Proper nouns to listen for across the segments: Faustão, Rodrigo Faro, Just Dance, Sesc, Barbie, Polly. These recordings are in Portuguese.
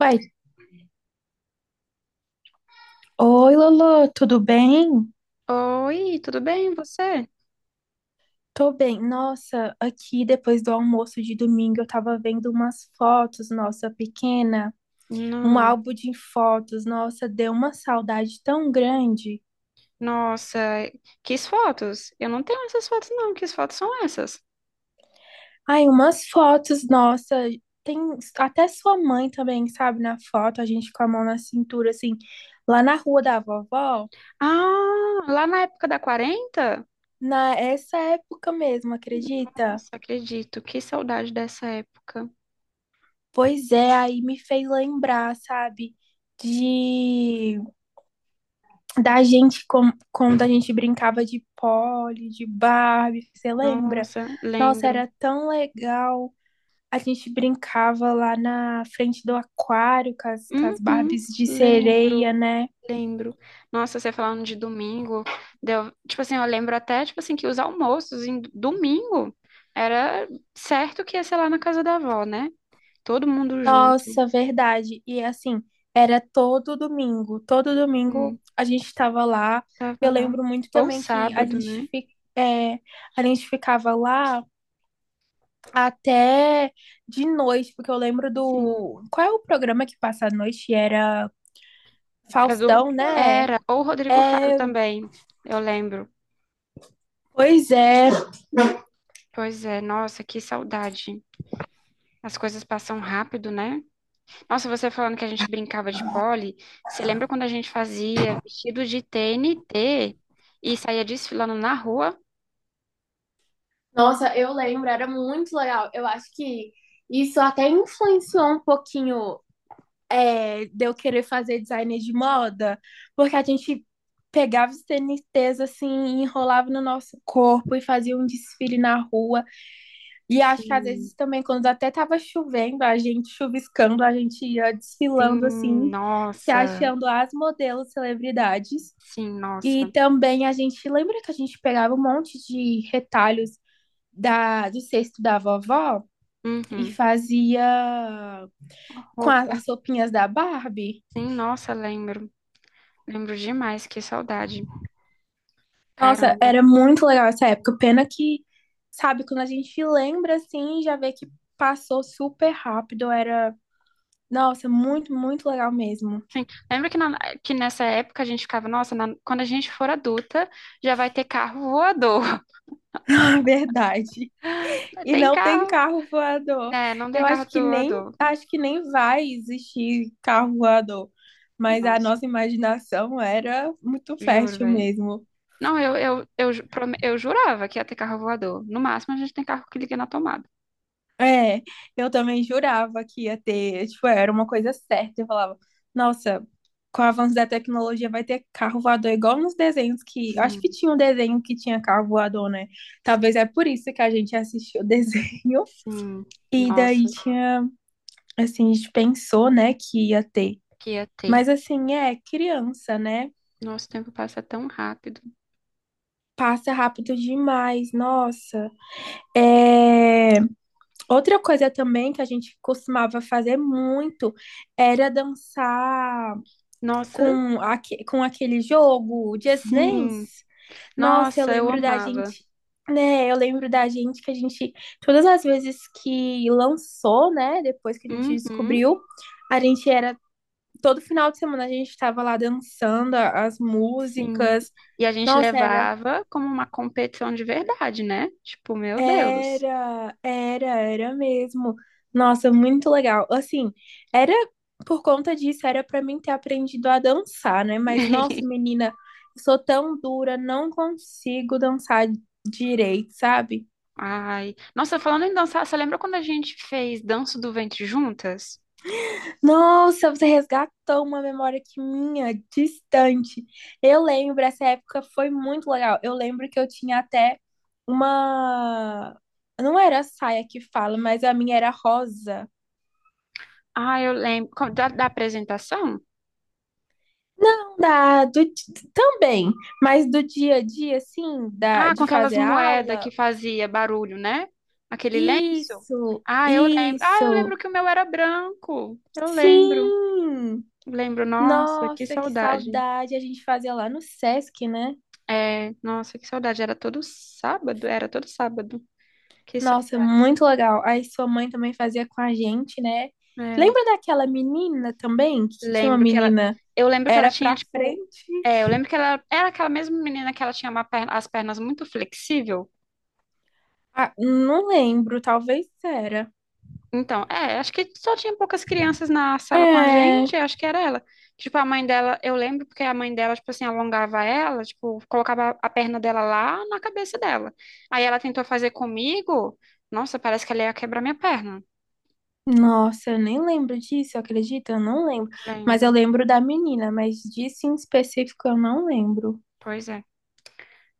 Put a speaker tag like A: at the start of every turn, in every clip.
A: Uai, oi Lolo, tudo bem?
B: Oi, tudo bem, você?
A: Tô bem. Nossa, aqui depois do almoço de domingo eu tava vendo umas fotos, nossa, pequena, um
B: Não.
A: álbum de fotos, nossa, deu uma saudade tão grande.
B: Nossa, quis fotos? Eu não tenho essas fotos, não. Que fotos são essas?
A: Ai, umas fotos, nossa, tem até sua mãe também, sabe, na foto, a gente com a mão na cintura, assim, lá na rua da vovó,
B: Ah, lá na época da 40?
A: na essa época mesmo, acredita?
B: Nossa, acredito. Que saudade dessa época.
A: Pois é, aí me fez lembrar, sabe, de da gente, com, quando a gente brincava de Polly, de Barbie, você lembra?
B: Nossa,
A: Nossa,
B: lembro.
A: era tão legal. A gente brincava lá na frente do aquário com as
B: Uhum,
A: Barbies de
B: lembro,
A: sereia, né?
B: lembro. Nossa, você falando de domingo, deu, tipo assim, eu lembro até, tipo assim, que os almoços em domingo era certo que ia ser lá na casa da avó, né? Todo mundo junto.
A: Nossa, verdade. E assim, era todo domingo. Todo
B: Hum.
A: domingo a gente estava lá.
B: Tava
A: Eu
B: lá.
A: lembro muito
B: Ou
A: também que
B: sábado, né?
A: é, a gente ficava lá até de noite, porque eu lembro
B: Sim.
A: do. Qual é o programa que passa à noite? Era
B: É do-
A: Faustão, né?
B: Era. Ou o Rodrigo Faro
A: É,
B: também, eu lembro.
A: pois é.
B: Pois é, nossa, que saudade. As coisas passam rápido, né? Nossa, você falando que a gente brincava de pole, você lembra quando a gente fazia vestido de TNT e saía desfilando na rua?
A: Nossa, eu lembro, era muito legal. Eu acho que isso até influenciou um pouquinho de eu querer fazer design de moda, porque a gente pegava os TNTs assim, enrolava no nosso corpo e fazia um desfile na rua. E acho que às
B: Sim,
A: vezes também, quando até tava chovendo, a gente chuviscando, a gente ia desfilando
B: sim,
A: assim, se
B: nossa,
A: achando as modelos celebridades.
B: sim,
A: E
B: nossa.
A: também a gente lembra que a gente pegava um monte de retalhos do cesto da vovó e
B: Uhum.
A: fazia
B: A
A: com a-
B: roupa,
A: as roupinhas da Barbie.
B: sim, nossa, lembro. Lembro demais, que saudade.
A: Nossa,
B: Caramba.
A: era muito legal essa época. Pena que, sabe, quando a gente lembra assim, já vê que passou super rápido. Era, nossa, muito, muito legal mesmo.
B: Sim. Que nessa época a gente ficava, nossa, quando a gente for adulta, já vai ter carro voador.
A: É verdade. E
B: Tem
A: não tem
B: carro?
A: carro voador.
B: É, não tem
A: Eu
B: carro
A: acho que nem
B: voador.
A: acho que nem vai existir carro voador. Mas a
B: Nossa,
A: nossa imaginação era muito
B: juro,
A: fértil
B: velho.
A: mesmo.
B: Não, eu jurava que ia ter carro voador. No máximo, a gente tem carro que liga na tomada.
A: É, eu também jurava que ia ter, tipo, era uma coisa certa. Eu falava, nossa, com o avanço da tecnologia vai ter carro voador igual nos desenhos que, eu acho que
B: Sim,
A: tinha um desenho que tinha carro voador, né? Talvez
B: sim,
A: é por isso que a gente assistiu o desenho.
B: sim.
A: E daí
B: Nossa,
A: tinha, assim, a gente pensou, né, que ia ter.
B: que ia ter.
A: Mas assim, é criança, né?
B: Nosso tempo passa tão rápido.
A: Passa rápido demais, nossa. É... Outra coisa também que a gente costumava fazer muito era dançar
B: Nossa,
A: com aquele jogo, o Just Dance.
B: sim.
A: Nossa, eu
B: Nossa, eu
A: lembro da
B: amava.
A: gente, né? Eu lembro da gente que a gente, todas as vezes que lançou, né? Depois que a gente
B: Uhum.
A: descobriu, a gente era, todo final de semana a gente estava lá dançando as
B: Sim.
A: músicas.
B: E a gente
A: Nossa, era
B: levava como uma competição de verdade, né? Tipo, meu Deus.
A: Era, era, era mesmo. Nossa, muito legal. Assim, era por conta disso, era pra mim ter aprendido a dançar, né? Mas, nossa, menina, eu sou tão dura, não consigo dançar direito, sabe?
B: Ai. Nossa, falando em dançar, você lembra quando a gente fez Danço do Ventre juntas?
A: Nossa, você resgatou uma memória que minha, distante. Eu lembro, essa época foi muito legal. Eu lembro que eu tinha até uma. Não era saia que fala, mas a minha era rosa.
B: Ah, eu lembro. Da, da apresentação?
A: Não dá, do, também, mas do dia a dia, assim, da,
B: Ah, com
A: de
B: aquelas
A: fazer
B: moedas que
A: aula?
B: fazia barulho, né? Aquele lenço?
A: Isso,
B: Ah, eu lembro. Ah, eu lembro
A: isso,
B: que o meu era branco. Eu lembro.
A: sim!
B: Lembro, nossa, que
A: Nossa, que
B: saudade.
A: saudade a gente fazia lá no Sesc, né?
B: É, nossa, que saudade. Era todo sábado, era todo sábado. Que
A: Nossa, muito legal. Aí sua mãe também fazia com a gente, né?
B: saudade.
A: Lembra daquela menina também, que tinha uma
B: Lembro que ela.
A: menina,
B: Eu lembro que ela
A: era
B: tinha,
A: pra
B: tipo.
A: frente?
B: É, eu lembro que ela era aquela mesma menina que ela tinha as pernas muito flexível.
A: Ah, não lembro, talvez era.
B: Então, é, acho que só tinha poucas crianças na sala com a
A: É.
B: gente, acho que era ela. Tipo, a mãe dela, eu lembro porque a mãe dela, tipo assim, alongava ela, tipo, colocava a perna dela lá na cabeça dela. Aí ela tentou fazer comigo. Nossa, parece que ela ia quebrar minha perna.
A: Nossa, eu nem lembro disso, acredita? Eu não lembro. Mas eu
B: Lembro.
A: lembro da menina, mas disso em específico eu não lembro.
B: Pois é.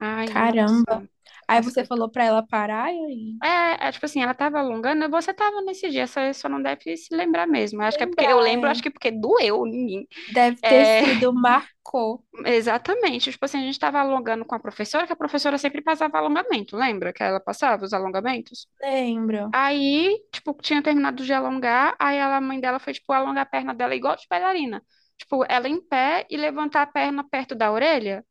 B: Ai,
A: Caramba.
B: nossa,
A: Aí
B: as
A: você
B: coisas.
A: falou pra ela parar e aí
B: É, é, tipo assim, ela tava alongando, você tava nesse dia, só não deve se lembrar mesmo. Acho que é porque eu
A: lembrar,
B: lembro, acho
A: é.
B: que porque doeu em mim.
A: Deve ter
B: É,
A: sido marcou.
B: exatamente. Tipo assim, a gente tava alongando com a professora, que a professora sempre passava alongamento, lembra que ela passava os alongamentos?
A: Lembro.
B: Aí, tipo, tinha terminado de alongar, aí ela, a mãe dela foi, tipo, alongar a perna dela igual de bailarina. Tipo, ela em pé e levantar a perna perto da orelha.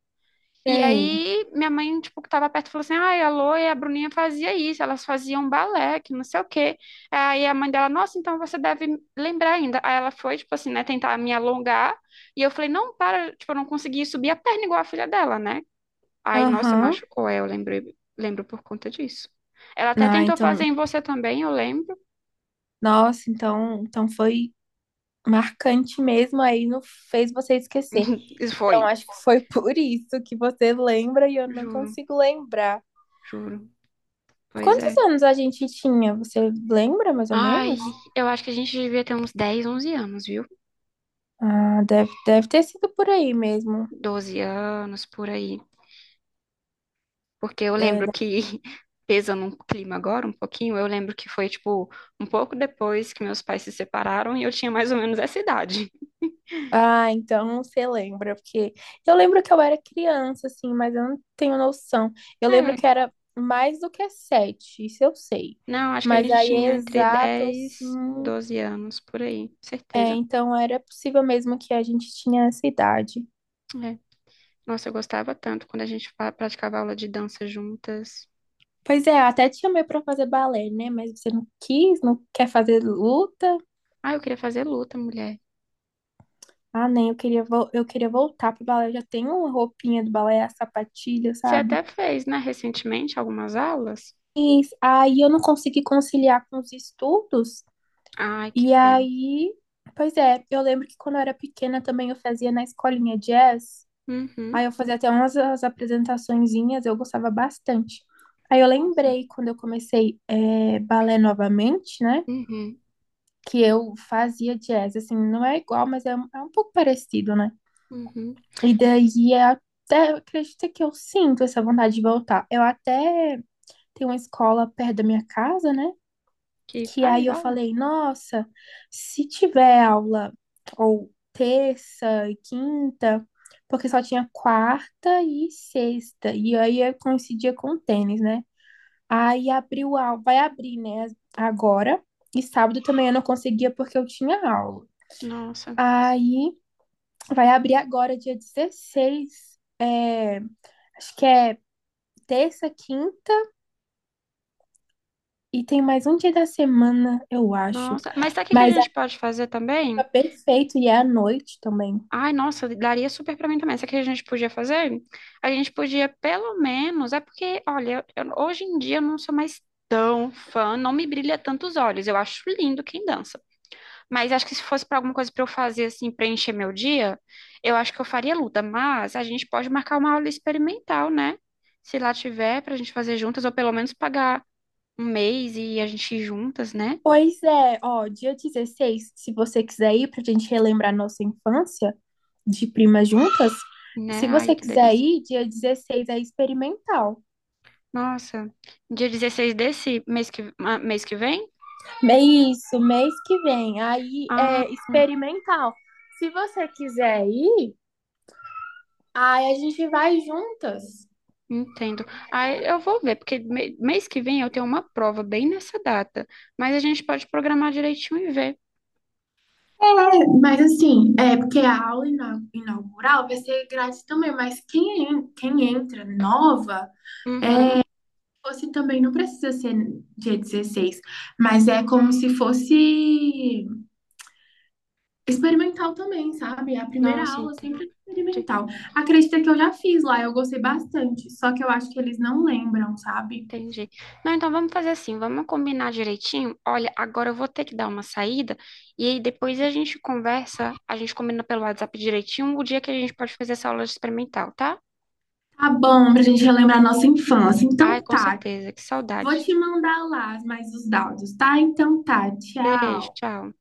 B: E
A: Sei.
B: aí, minha mãe, tipo, que tava perto, falou assim, ai, a Lô e a Bruninha fazia isso, elas faziam balé, que não sei o quê. Aí a mãe dela, nossa, então você deve lembrar ainda. Aí ela foi, tipo assim, né, tentar me alongar, e eu falei, não, para, tipo, eu não consegui subir a perna igual a filha dela, né? Aí, nossa,
A: Aham.
B: machucou, é, eu lembrei, lembro por conta disso. Ela até
A: Não,
B: tentou
A: então,
B: fazer em você também, eu lembro.
A: nossa, então foi marcante mesmo, aí não fez você esquecer.
B: Isso
A: Então,
B: foi,
A: acho que foi por isso que você lembra e eu não
B: juro,
A: consigo lembrar.
B: juro, pois
A: Quantos
B: é.
A: anos a gente tinha? Você lembra mais ou
B: Ai,
A: menos?
B: eu acho que a gente devia ter uns 10 11 anos, viu?
A: Ah, deve ter sido por aí mesmo.
B: Doze anos, por aí. Porque eu
A: É,
B: lembro que, pesando um clima agora, um pouquinho, eu lembro que foi, tipo, um pouco depois que meus pais se separaram e eu tinha mais ou menos essa idade.
A: ah, então você lembra, porque eu lembro que eu era criança, assim, mas eu não tenho noção. Eu lembro
B: É,
A: que era mais do que 7, isso eu sei.
B: não, acho que a
A: Mas
B: gente
A: aí
B: tinha
A: é
B: entre
A: exato, assim.
B: 10 12 anos, por aí,
A: É,
B: certeza.
A: então era possível mesmo que a gente tinha essa idade.
B: É. Nossa, eu gostava tanto quando praticava aula de dança juntas.
A: Pois é, até te chamei pra fazer balé, né? Mas você não quis, não quer fazer luta.
B: Ah, eu queria fazer luta, mulher.
A: Ah, nem, eu queria voltar pro balé. Eu já tenho uma roupinha do balé, a sapatilha,
B: Você
A: sabe?
B: até fez, né, recentemente, algumas aulas?
A: E aí eu não consegui conciliar com os estudos.
B: Ai, que
A: E
B: pena.
A: aí, pois é, eu lembro que quando eu era pequena também eu fazia na escolinha jazz. Aí
B: Uhum.
A: eu fazia até umas as apresentaçõezinhas, eu gostava bastante. Aí eu
B: Nossa.
A: lembrei quando eu comecei balé novamente, né?
B: Uhum.
A: Que eu fazia jazz, assim, não é igual, mas é um pouco parecido, né?
B: Uhum.
A: E daí é até, acredita que eu sinto essa vontade de voltar. Eu até tenho uma escola perto da minha casa, né?
B: Que
A: Que aí
B: faz
A: eu
B: aula?
A: falei, nossa, se tiver aula ou terça e quinta, porque só tinha quarta e sexta, e aí eu coincidia com o tênis, né? Aí abriu aula, vai abrir, né, agora, e sábado também eu não conseguia porque eu tinha aula.
B: Nossa.
A: Aí vai abrir agora, dia 16. Acho que é terça, quinta e tem mais um dia da semana, eu acho.
B: Nossa, mas sabe o que que a
A: Mas é
B: gente pode fazer também?
A: perfeito e é à noite também.
B: Ai, nossa, daria super pra mim também. Sabe o que a gente podia fazer? A gente podia, pelo menos, é porque, olha, hoje em dia eu não sou mais tão fã, não me brilha tanto os olhos. Eu acho lindo quem dança. Mas acho que se fosse pra alguma coisa pra eu fazer, assim, preencher meu dia, eu acho que eu faria luta. Mas a gente pode marcar uma aula experimental, né? Se lá tiver, pra gente fazer juntas, ou pelo menos pagar um mês e a gente ir juntas, né?
A: Pois é, ó, dia 16, se você quiser ir pra gente relembrar nossa infância de primas juntas,
B: Né?
A: se
B: Ai,
A: você
B: que
A: quiser
B: delícia.
A: ir, dia 16 é experimental.
B: Nossa, dia 16 desse mês que, ah, mês que vem?
A: É isso, mês que vem. Aí
B: Ah,
A: é experimental. Se você quiser ir, aí a gente vai juntas.
B: entendo. Ah, eu vou ver, porque mês que vem eu tenho uma prova bem nessa data, mas a gente pode programar direitinho e ver.
A: Mas assim, é porque a aula inaugural vai ser grátis também, mas quem entra nova,
B: Uhum.
A: fosse também não precisa ser dia 16, mas é como se fosse experimental também, sabe? É. A primeira
B: Nossa,
A: aula
B: entendi,
A: sempre é experimental. Acredita que eu já fiz lá, eu gostei bastante, só que eu acho que eles não lembram, sabe?
B: entendi. Não, então vamos fazer assim, vamos combinar direitinho. Olha, agora eu vou ter que dar uma saída e aí depois a gente conversa, a gente combina pelo WhatsApp direitinho o dia que a gente pode fazer essa aula experimental, tá?
A: Tá bom, pra gente relembrar a nossa infância.
B: Ai,
A: Então
B: com
A: tá,
B: certeza, que
A: vou
B: saudade.
A: te mandar lá mais os dados, tá? Então tá,
B: Beijo,
A: tchau.
B: tchau.